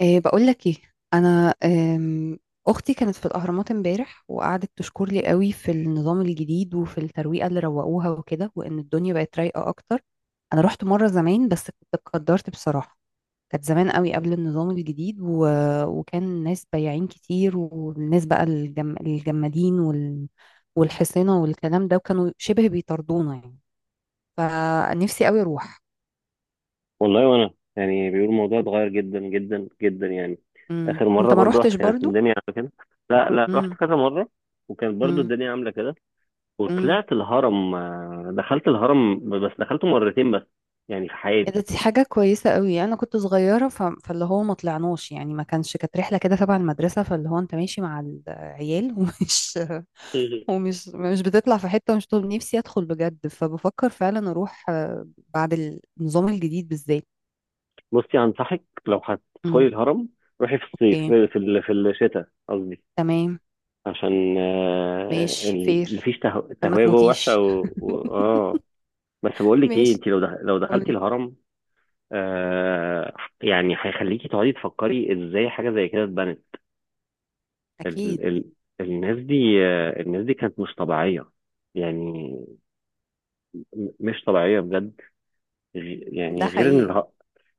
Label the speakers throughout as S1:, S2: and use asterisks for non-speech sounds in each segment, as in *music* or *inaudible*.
S1: إيه بقول لك ايه. انا اختي كانت في الاهرامات امبارح، وقعدت تشكر لي قوي في النظام الجديد وفي الترويقه اللي روقوها وكده، وان الدنيا بقت رايقه اكتر. انا رحت مره زمان، بس كنت اتقدرت بصراحه. كانت زمان قوي قبل النظام الجديد وكان ناس بياعين كتير، والناس بقى الجمادين والحصينه والكلام ده، وكانوا شبه بيطردونا يعني. فنفسي قوي اروح.
S2: والله وانا، يعني بيقول الموضوع اتغير جدا جدا جدا يعني.
S1: مم.
S2: اخر مره
S1: انت ما
S2: برضو رحت
S1: روحتش
S2: كانت
S1: برضو؟
S2: الدنيا عامله كده. لا لا، رحت كذا مره وكانت برضو الدنيا عامله كده.
S1: امم.
S2: وطلعت الهرم، دخلت الهرم، بس دخلته مرتين بس يعني في
S1: إيه ده،
S2: حياتي.
S1: دي حاجة كويسة قوي. أنا كنت صغيرة فاللي هو ما طلعناش، يعني ما كانش، كانت رحلة كده تبع المدرسة، فاللي هو أنت ماشي مع العيال *laughs* ومش
S2: *laughs*
S1: ومش مش بتطلع في حتة، مش طول نفسي أدخل بجد. فبفكر فعلا أروح، بعد النظام الجديد بالذات.
S2: بصي، انصحك لو هتدخلي
S1: امم.
S2: الهرم، روحي في الصيف
S1: أوكي.
S2: في الشتاء قصدي،
S1: تمام.
S2: عشان
S1: ماشي فير.
S2: مفيش
S1: ما
S2: تهويه جوه وحشه
S1: تموتيش
S2: و...
S1: *laughs*
S2: و... اه بس بقول لك ايه،
S1: ماشي.
S2: انت لو دخلتي
S1: قول.
S2: الهرم آه يعني هيخليكي تقعدي تفكري ازاي حاجه زي كده اتبنت.
S1: أكيد.
S2: ال ال الناس دي الناس دي كانت مش طبيعيه يعني، مش طبيعيه بجد. غ-
S1: ده
S2: يعني غير ان
S1: حقيقي.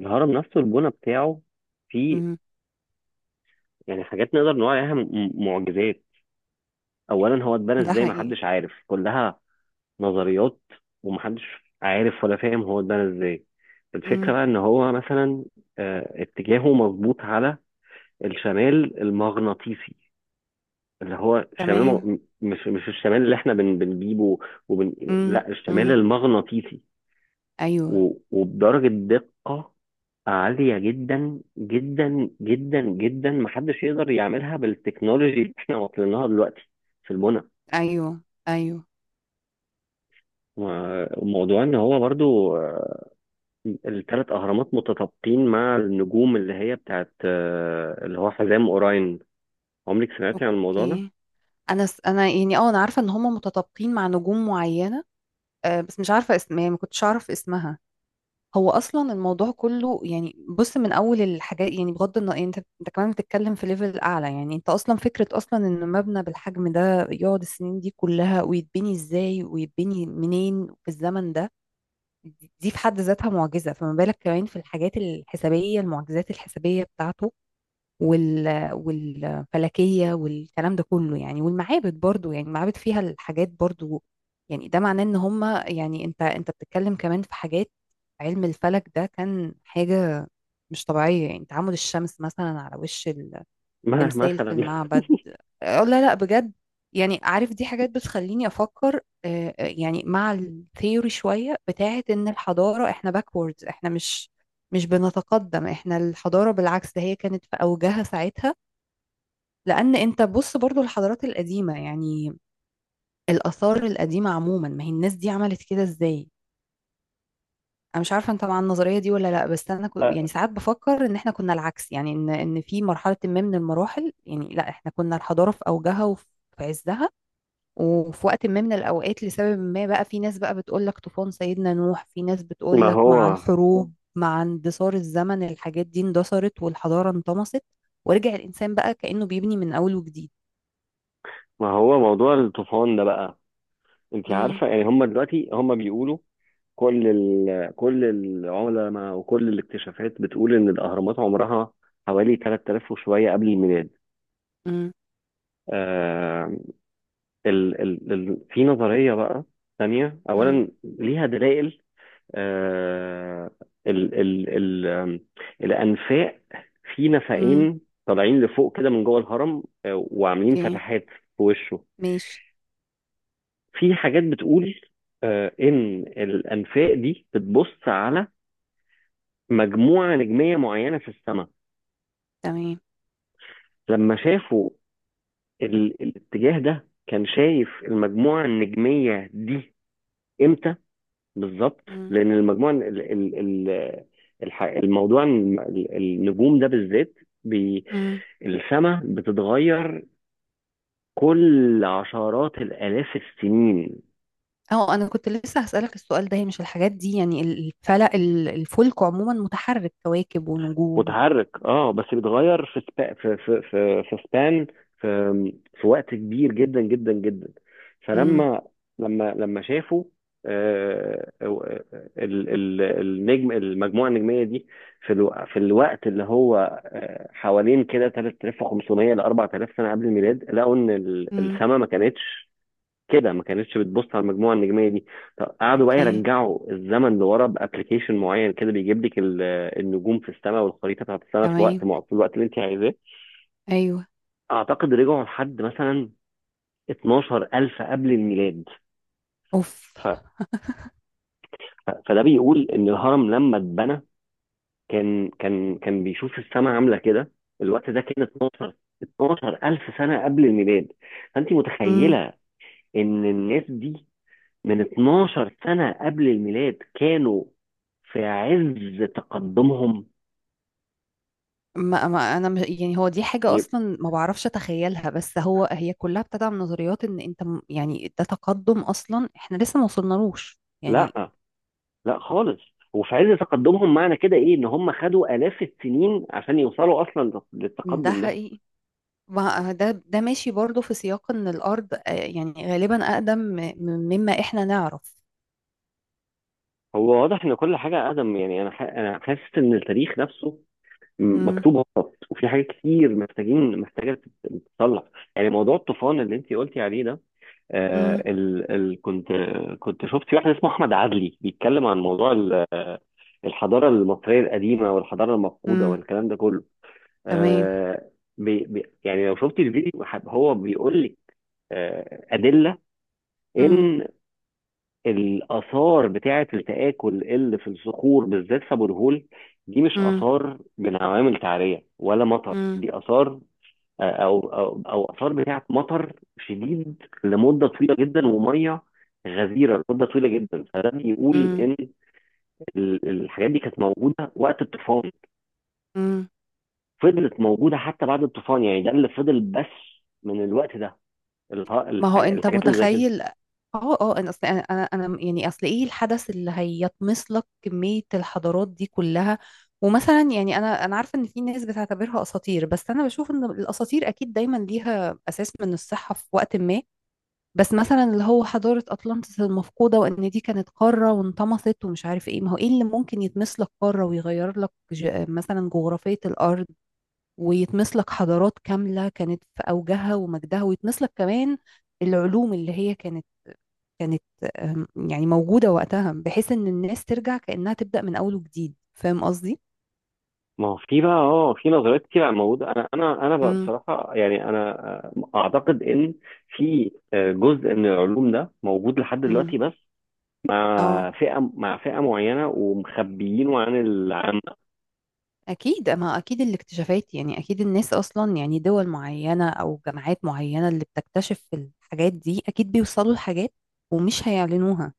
S2: الهرم نفسه البنى بتاعه فيه
S1: امم.
S2: يعني حاجات نقدر نقول عليها معجزات. اولا هو اتبنى
S1: ده
S2: ازاي
S1: حقيقي.
S2: محدش عارف، كلها نظريات، ومحدش عارف ولا فاهم هو اتبنى ازاي. الفكره
S1: امم.
S2: بقى ان هو مثلا اتجاهه مظبوط على الشمال المغناطيسي، اللي هو
S1: تمام.
S2: مش الشمال اللي احنا بنجيبه وبن... لا، الشمال
S1: امم.
S2: المغناطيسي.
S1: أيوه.
S2: وبدرجة دقة عالية جدا جدا جدا جدا محدش يقدر يعملها بالتكنولوجي اللي احنا واصلين لها دلوقتي في البنى.
S1: أيوه. أيوه.
S2: وموضوع ان هو برضو الثلاث اهرامات متطابقين مع النجوم اللي هي بتاعت آه، اللي هو حزام اوراين. عمرك سمعتي عن الموضوع ده؟
S1: أوكي. انا يعني اه انا عارفه ان هم متطابقين مع نجوم معينه، بس مش عارفه اسم، يعني ما كنتش اعرف اسمها. هو اصلا الموضوع كله يعني، بص، من اول الحاجات، يعني بغض النظر، يعني انت كمان بتتكلم في ليفل اعلى. يعني انت اصلا فكره اصلا ان مبنى بالحجم ده يقعد السنين دي كلها، ويتبني ازاي ويتبني منين في الزمن ده. دي في حد ذاتها معجزه، فما بالك كمان في الحاجات الحسابيه، المعجزات الحسابيه بتاعته، والفلكية والكلام ده كله يعني، والمعابد برضو، يعني المعابد فيها الحاجات برضو. يعني ده معناه ان هم، يعني انت بتتكلم كمان في حاجات. علم الفلك ده كان حاجة مش طبيعية، يعني تعامد الشمس مثلا على وش
S2: *laughs* ما
S1: التمثال في
S2: مثلا.
S1: المعبد. اه، لا لا، بجد. يعني عارف، دي حاجات بتخليني افكر. اه، اه، يعني مع الثيوري شوية بتاعت ان الحضارة، احنا باكوردز، احنا مش بنتقدم. احنا الحضارة بالعكس، ده هي كانت في اوجها ساعتها. لان انت بص، برضو الحضارات القديمه يعني، الاثار القديمه عموما، ما هي الناس دي عملت كده ازاي؟ انا مش عارفه انت مع النظريه دي ولا لا، بس انا يعني ساعات بفكر ان احنا كنا العكس. يعني ان في مرحله ما من المراحل، يعني لا احنا كنا الحضاره في اوجها وفي عزها، وفي وقت ما من الاوقات لسبب ما، بقى في ناس بقى بتقول لك طوفان سيدنا نوح، في ناس
S2: ما
S1: بتقول لك مع
S2: هو
S1: الحروب، مع اندثار الزمن، الحاجات دي اندثرت والحضاره انطمست، ورجع الانسان بقى كانه بيبني من اول وجديد.
S2: ما هو موضوع الطوفان ده بقى. انت
S1: امم.
S2: عارفه، يعني هم دلوقتي هم بيقولوا، كل العلماء وكل الاكتشافات بتقول ان الاهرامات عمرها حوالي 3000 وشويه قبل الميلاد. آه في نظريه بقى ثانيه،
S1: امم.
S2: اولا ليها دلائل. آه ال... ال... ال... آم، الانفاق، في
S1: امم.
S2: نفقين طالعين لفوق كده من جوه الهرم، وعاملين
S1: اوكي.
S2: فتحات في وشه.
S1: ماشي.
S2: في حاجات بتقول ان الانفاق دي بتبص على مجموعة نجمية معينة في السماء.
S1: تمام.
S2: لما شافوا الاتجاه ده، كان شايف المجموعة النجمية دي امتى بالظبط،
S1: امم
S2: لأن المجموعة ال... ال... ال... الح... الموضوع الم- ال- النجوم ده بالذات بي...
S1: امم.
S2: السماء بتتغير كل عشرات الآلاف السنين.
S1: اه، انا كنت لسه هسألك السؤال ده. هي مش الحاجات دي يعني، الفلك، الفلك عموما متحرك، كواكب ونجوم.
S2: متحرك، اه، بس بيتغير في سبا في في في في سبان، في في وقت كبير جدا جدا جدا.
S1: امم.
S2: فلما لما لما شافوا آه، آه، ال- ال- النجم المجموعه النجميه دي، في الوقت اللي هو حوالين كده 3500 ل 4000 سنه قبل الميلاد، لقوا ان
S1: امم.
S2: السماء ما كانتش كده، ما كانتش بتبص على المجموعه النجميه دي. طب قعدوا بقى
S1: اوكي.
S2: يرجعوا الزمن لورا بابلكيشن معين كده، بيجيب لك النجوم في السماء والخريطه بتاعت السماء في وقت
S1: تمام.
S2: مع في الوقت اللي انت عايزاه.
S1: ايوه.
S2: اعتقد رجعوا لحد مثلا 12000 قبل الميلاد.
S1: اوف.
S2: ف... فده بيقول ان الهرم لما اتبنى كان بيشوف السماء عامله كده. الوقت ده كان 12 12000 سنه قبل الميلاد. فانت
S1: امم.
S2: متخيله ان الناس دي من 12 سنة قبل الميلاد كانوا في عز تقدمهم.
S1: ما انا مش يعني، هو دي حاجة
S2: يب-
S1: اصلا ما بعرفش اتخيلها، بس هو هي كلها ابتدى من نظريات يعني ده تقدم اصلا احنا لسه ما وصلنالوش يعني.
S2: لا لا، خالص. وفي عز تقدمهم، معنى كده ايه؟ ان هم خدوا آلاف السنين عشان يوصلوا اصلا
S1: ده
S2: للتقدم ده.
S1: حقيقي. ما ده ماشي برضو في سياق ان الارض، يعني غالبا اقدم مما احنا نعرف.
S2: هو واضح ان كل حاجة ادم، يعني انا حاسس ان التاريخ نفسه
S1: امم.
S2: مكتوب غلط، وفي حاجات كتير محتاجة تتصلح. يعني موضوع الطوفان اللي انت قلتي عليه ده، آه
S1: امم.
S2: ال ال كنت كنت شفت في واحد اسمه احمد عدلي بيتكلم عن موضوع الحضاره المصريه القديمه والحضاره المفقوده
S1: امم.
S2: والكلام ده كله.
S1: تمام.
S2: آه بي بي يعني لو شفت الفيديو هو بيقول لك ادله
S1: امم.
S2: ان الاثار بتاعه التاكل اللي في الصخور بالذات في ابو الهول، دي مش
S1: امم.
S2: اثار من عوامل تعريه ولا مطر،
S1: امم.
S2: دي اثار او او او اثار بتاعه مطر شديد لمده طويله جدا وميه غزيره لمده طويله جدا. فده بيقول
S1: امم.
S2: ان الحاجات دي كانت موجوده وقت الطوفان،
S1: امم.
S2: فضلت موجوده حتى بعد الطوفان، يعني ده اللي فضل بس من الوقت ده،
S1: ما هو انت
S2: الحاجات اللي زي كده.
S1: متخيل. اه اه، انا اصل انا انا أنا يعني اصل، ايه الحدث اللي هيطمس لك كمية الحضارات دي كلها؟ ومثلا يعني، انا عارفه ان في ناس بتعتبرها اساطير، بس انا بشوف ان الاساطير اكيد دايما ليها اساس من الصحه في وقت ما. بس مثلا اللي هو حضارة أطلانتس المفقودة، وإن دي كانت قارة وانطمست ومش عارف إيه. ما هو إيه اللي ممكن يتمس لك قارة ويغير لك مثلا جغرافية الأرض، ويتمس لك حضارات كاملة كانت في أوجها ومجدها، ويتمس لك كمان العلوم اللي هي كانت يعني موجودة وقتها، بحيث إن الناس ترجع كأنها تبدأ من أول وجديد. فاهم قصدي؟
S2: ما هو في بقى، في نظريات كتير عن موجوده. انا بقى
S1: امم.
S2: بصراحه، يعني انا اعتقد ان في جزء من العلوم ده موجود لحد دلوقتي،
S1: امم.
S2: بس
S1: اه
S2: مع فئة، معينة، ومخبيينه عن
S1: أكيد، أما أكيد الاكتشافات يعني، أكيد الناس أصلا يعني، دول معينة أو جامعات معينة اللي بتكتشف الحاجات دي، أكيد بيوصلوا لحاجات، ومش هيعلنوها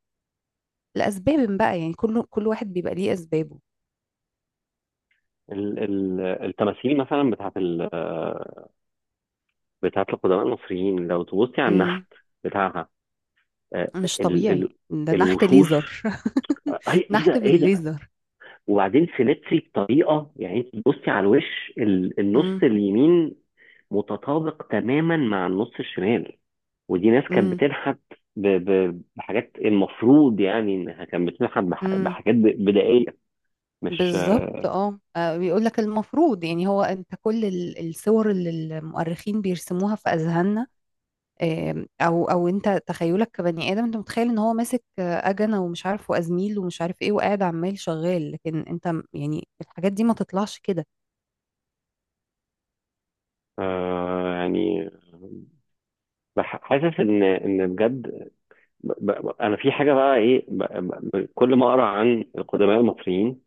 S1: لأسباب بقى. يعني كل واحد بيبقى ليه أسبابه.
S2: التماثيل مثلا بتاعت بتاعت القدماء المصريين. لو تبصي على
S1: امم.
S2: النحت بتاعها، آه،
S1: مش
S2: ال... ال...
S1: طبيعي، ده نحت
S2: الوشوش،
S1: ليزر. *laughs*
S2: آه، ايه
S1: نحت
S2: ده، ايه ده؟
S1: بالليزر.
S2: وبعدين سيمتري بطريقة، يعني انت تبصي على الوش النص
S1: امم.
S2: اليمين متطابق تماما مع النص الشمال. ودي ناس كانت
S1: امم.
S2: بتنحت بحاجات، المفروض يعني انها كانت بتنحت
S1: امم.
S2: بحاجات بدائية، مش.
S1: بالظبط. اه، بيقول لك المفروض يعني، هو انت كل الصور اللي المؤرخين بيرسموها في اذهاننا، او انت تخيلك كبني ادم انت متخيل ان هو ماسك اجنه ومش عارف وازميل ومش عارف ايه وقاعد عمال شغال. لكن انت يعني الحاجات دي ما تطلعش كده.
S2: آه يعني حاسس ان بجد، انا في حاجه بقى ايه، كل ما اقرا عن القدماء المصريين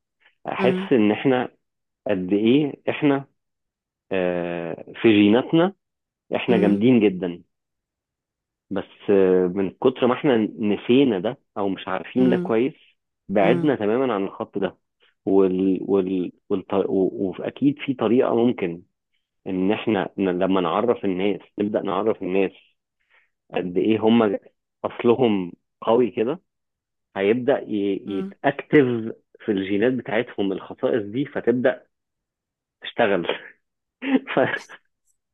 S1: امم.
S2: احس ان احنا قد ايه احنا في جيناتنا احنا
S1: امم.
S2: جامدين جدا، بس من كتر ما احنا نسينا ده او مش عارفين ده
S1: امم.
S2: كويس،
S1: امم.
S2: بعدنا تماما عن الخط ده. واكيد في طريقه ممكن ان احنا لما نعرف الناس، نبدا نعرف الناس قد ايه هم اصلهم قوي كده، هيبدا
S1: امم.
S2: يتاكتف في الجينات بتاعتهم الخصائص دي فتبدا تشتغل. *laughs* ف...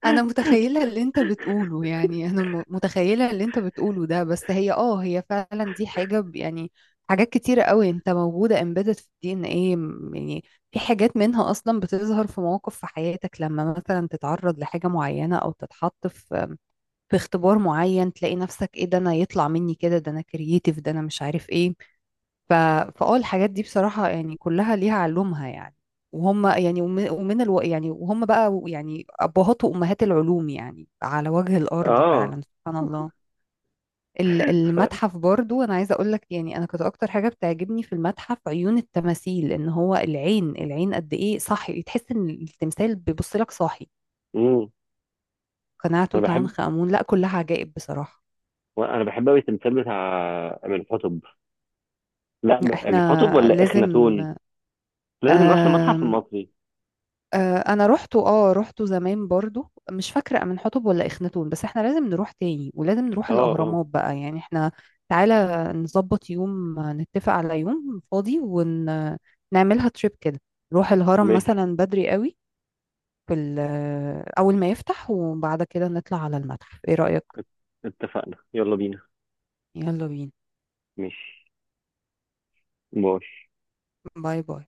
S1: انا متخيله اللي انت بتقوله، يعني انا متخيله اللي انت بتقوله ده، بس هي اه هي فعلا دي حاجه يعني حاجات كتيره قوي انت موجوده امبيدد في الدي ان ايه، يعني في حاجات منها اصلا بتظهر في مواقف في حياتك، لما مثلا تتعرض لحاجه معينه او تتحط في اختبار معين، تلاقي نفسك ايه ده، انا يطلع مني كده، ده انا كرييتيف، ده انا مش عارف ايه. ف... فاه الحاجات دي بصراحة يعني كلها ليها علومها يعني. وهم يعني، ومن يعني وهم بقى، يعني ابهات وامهات العلوم يعني على وجه الارض،
S2: اه
S1: فعلا سبحان الله.
S2: ف...
S1: المتحف برضو، انا عايزه اقول لك، يعني انا كنت اكتر حاجه بتعجبني في المتحف عيون التماثيل. ان هو العين، العين قد ايه صاحي، تحس ان التمثال بيبص لك صاحي.
S2: مم.
S1: قناع
S2: انا
S1: توت
S2: بحب،
S1: عنخ امون، لا كلها عجائب بصراحه.
S2: قوي التمثال بتاع امين حطب. لا، امين حطب
S1: احنا
S2: ولا
S1: لازم.
S2: اخناتون؟ لازم نروح المتحف
S1: آم،
S2: المصري.
S1: انا روحته، روحته زمان برضو، مش فاكره من حطب ولا اخناتون، بس احنا لازم نروح تاني، ولازم نروح
S2: اه اه،
S1: الاهرامات بقى يعني. احنا تعالى نظبط يوم، نتفق على يوم فاضي ونعملها تريب كده. نروح الهرم
S2: ماشي.
S1: مثلا بدري قوي في اول ما يفتح، وبعد كده نطلع على المتحف. ايه رايك؟
S2: ات- اتفقنا، يلا بينا.
S1: يلا بينا.
S2: ماشي، باي.
S1: باي باي.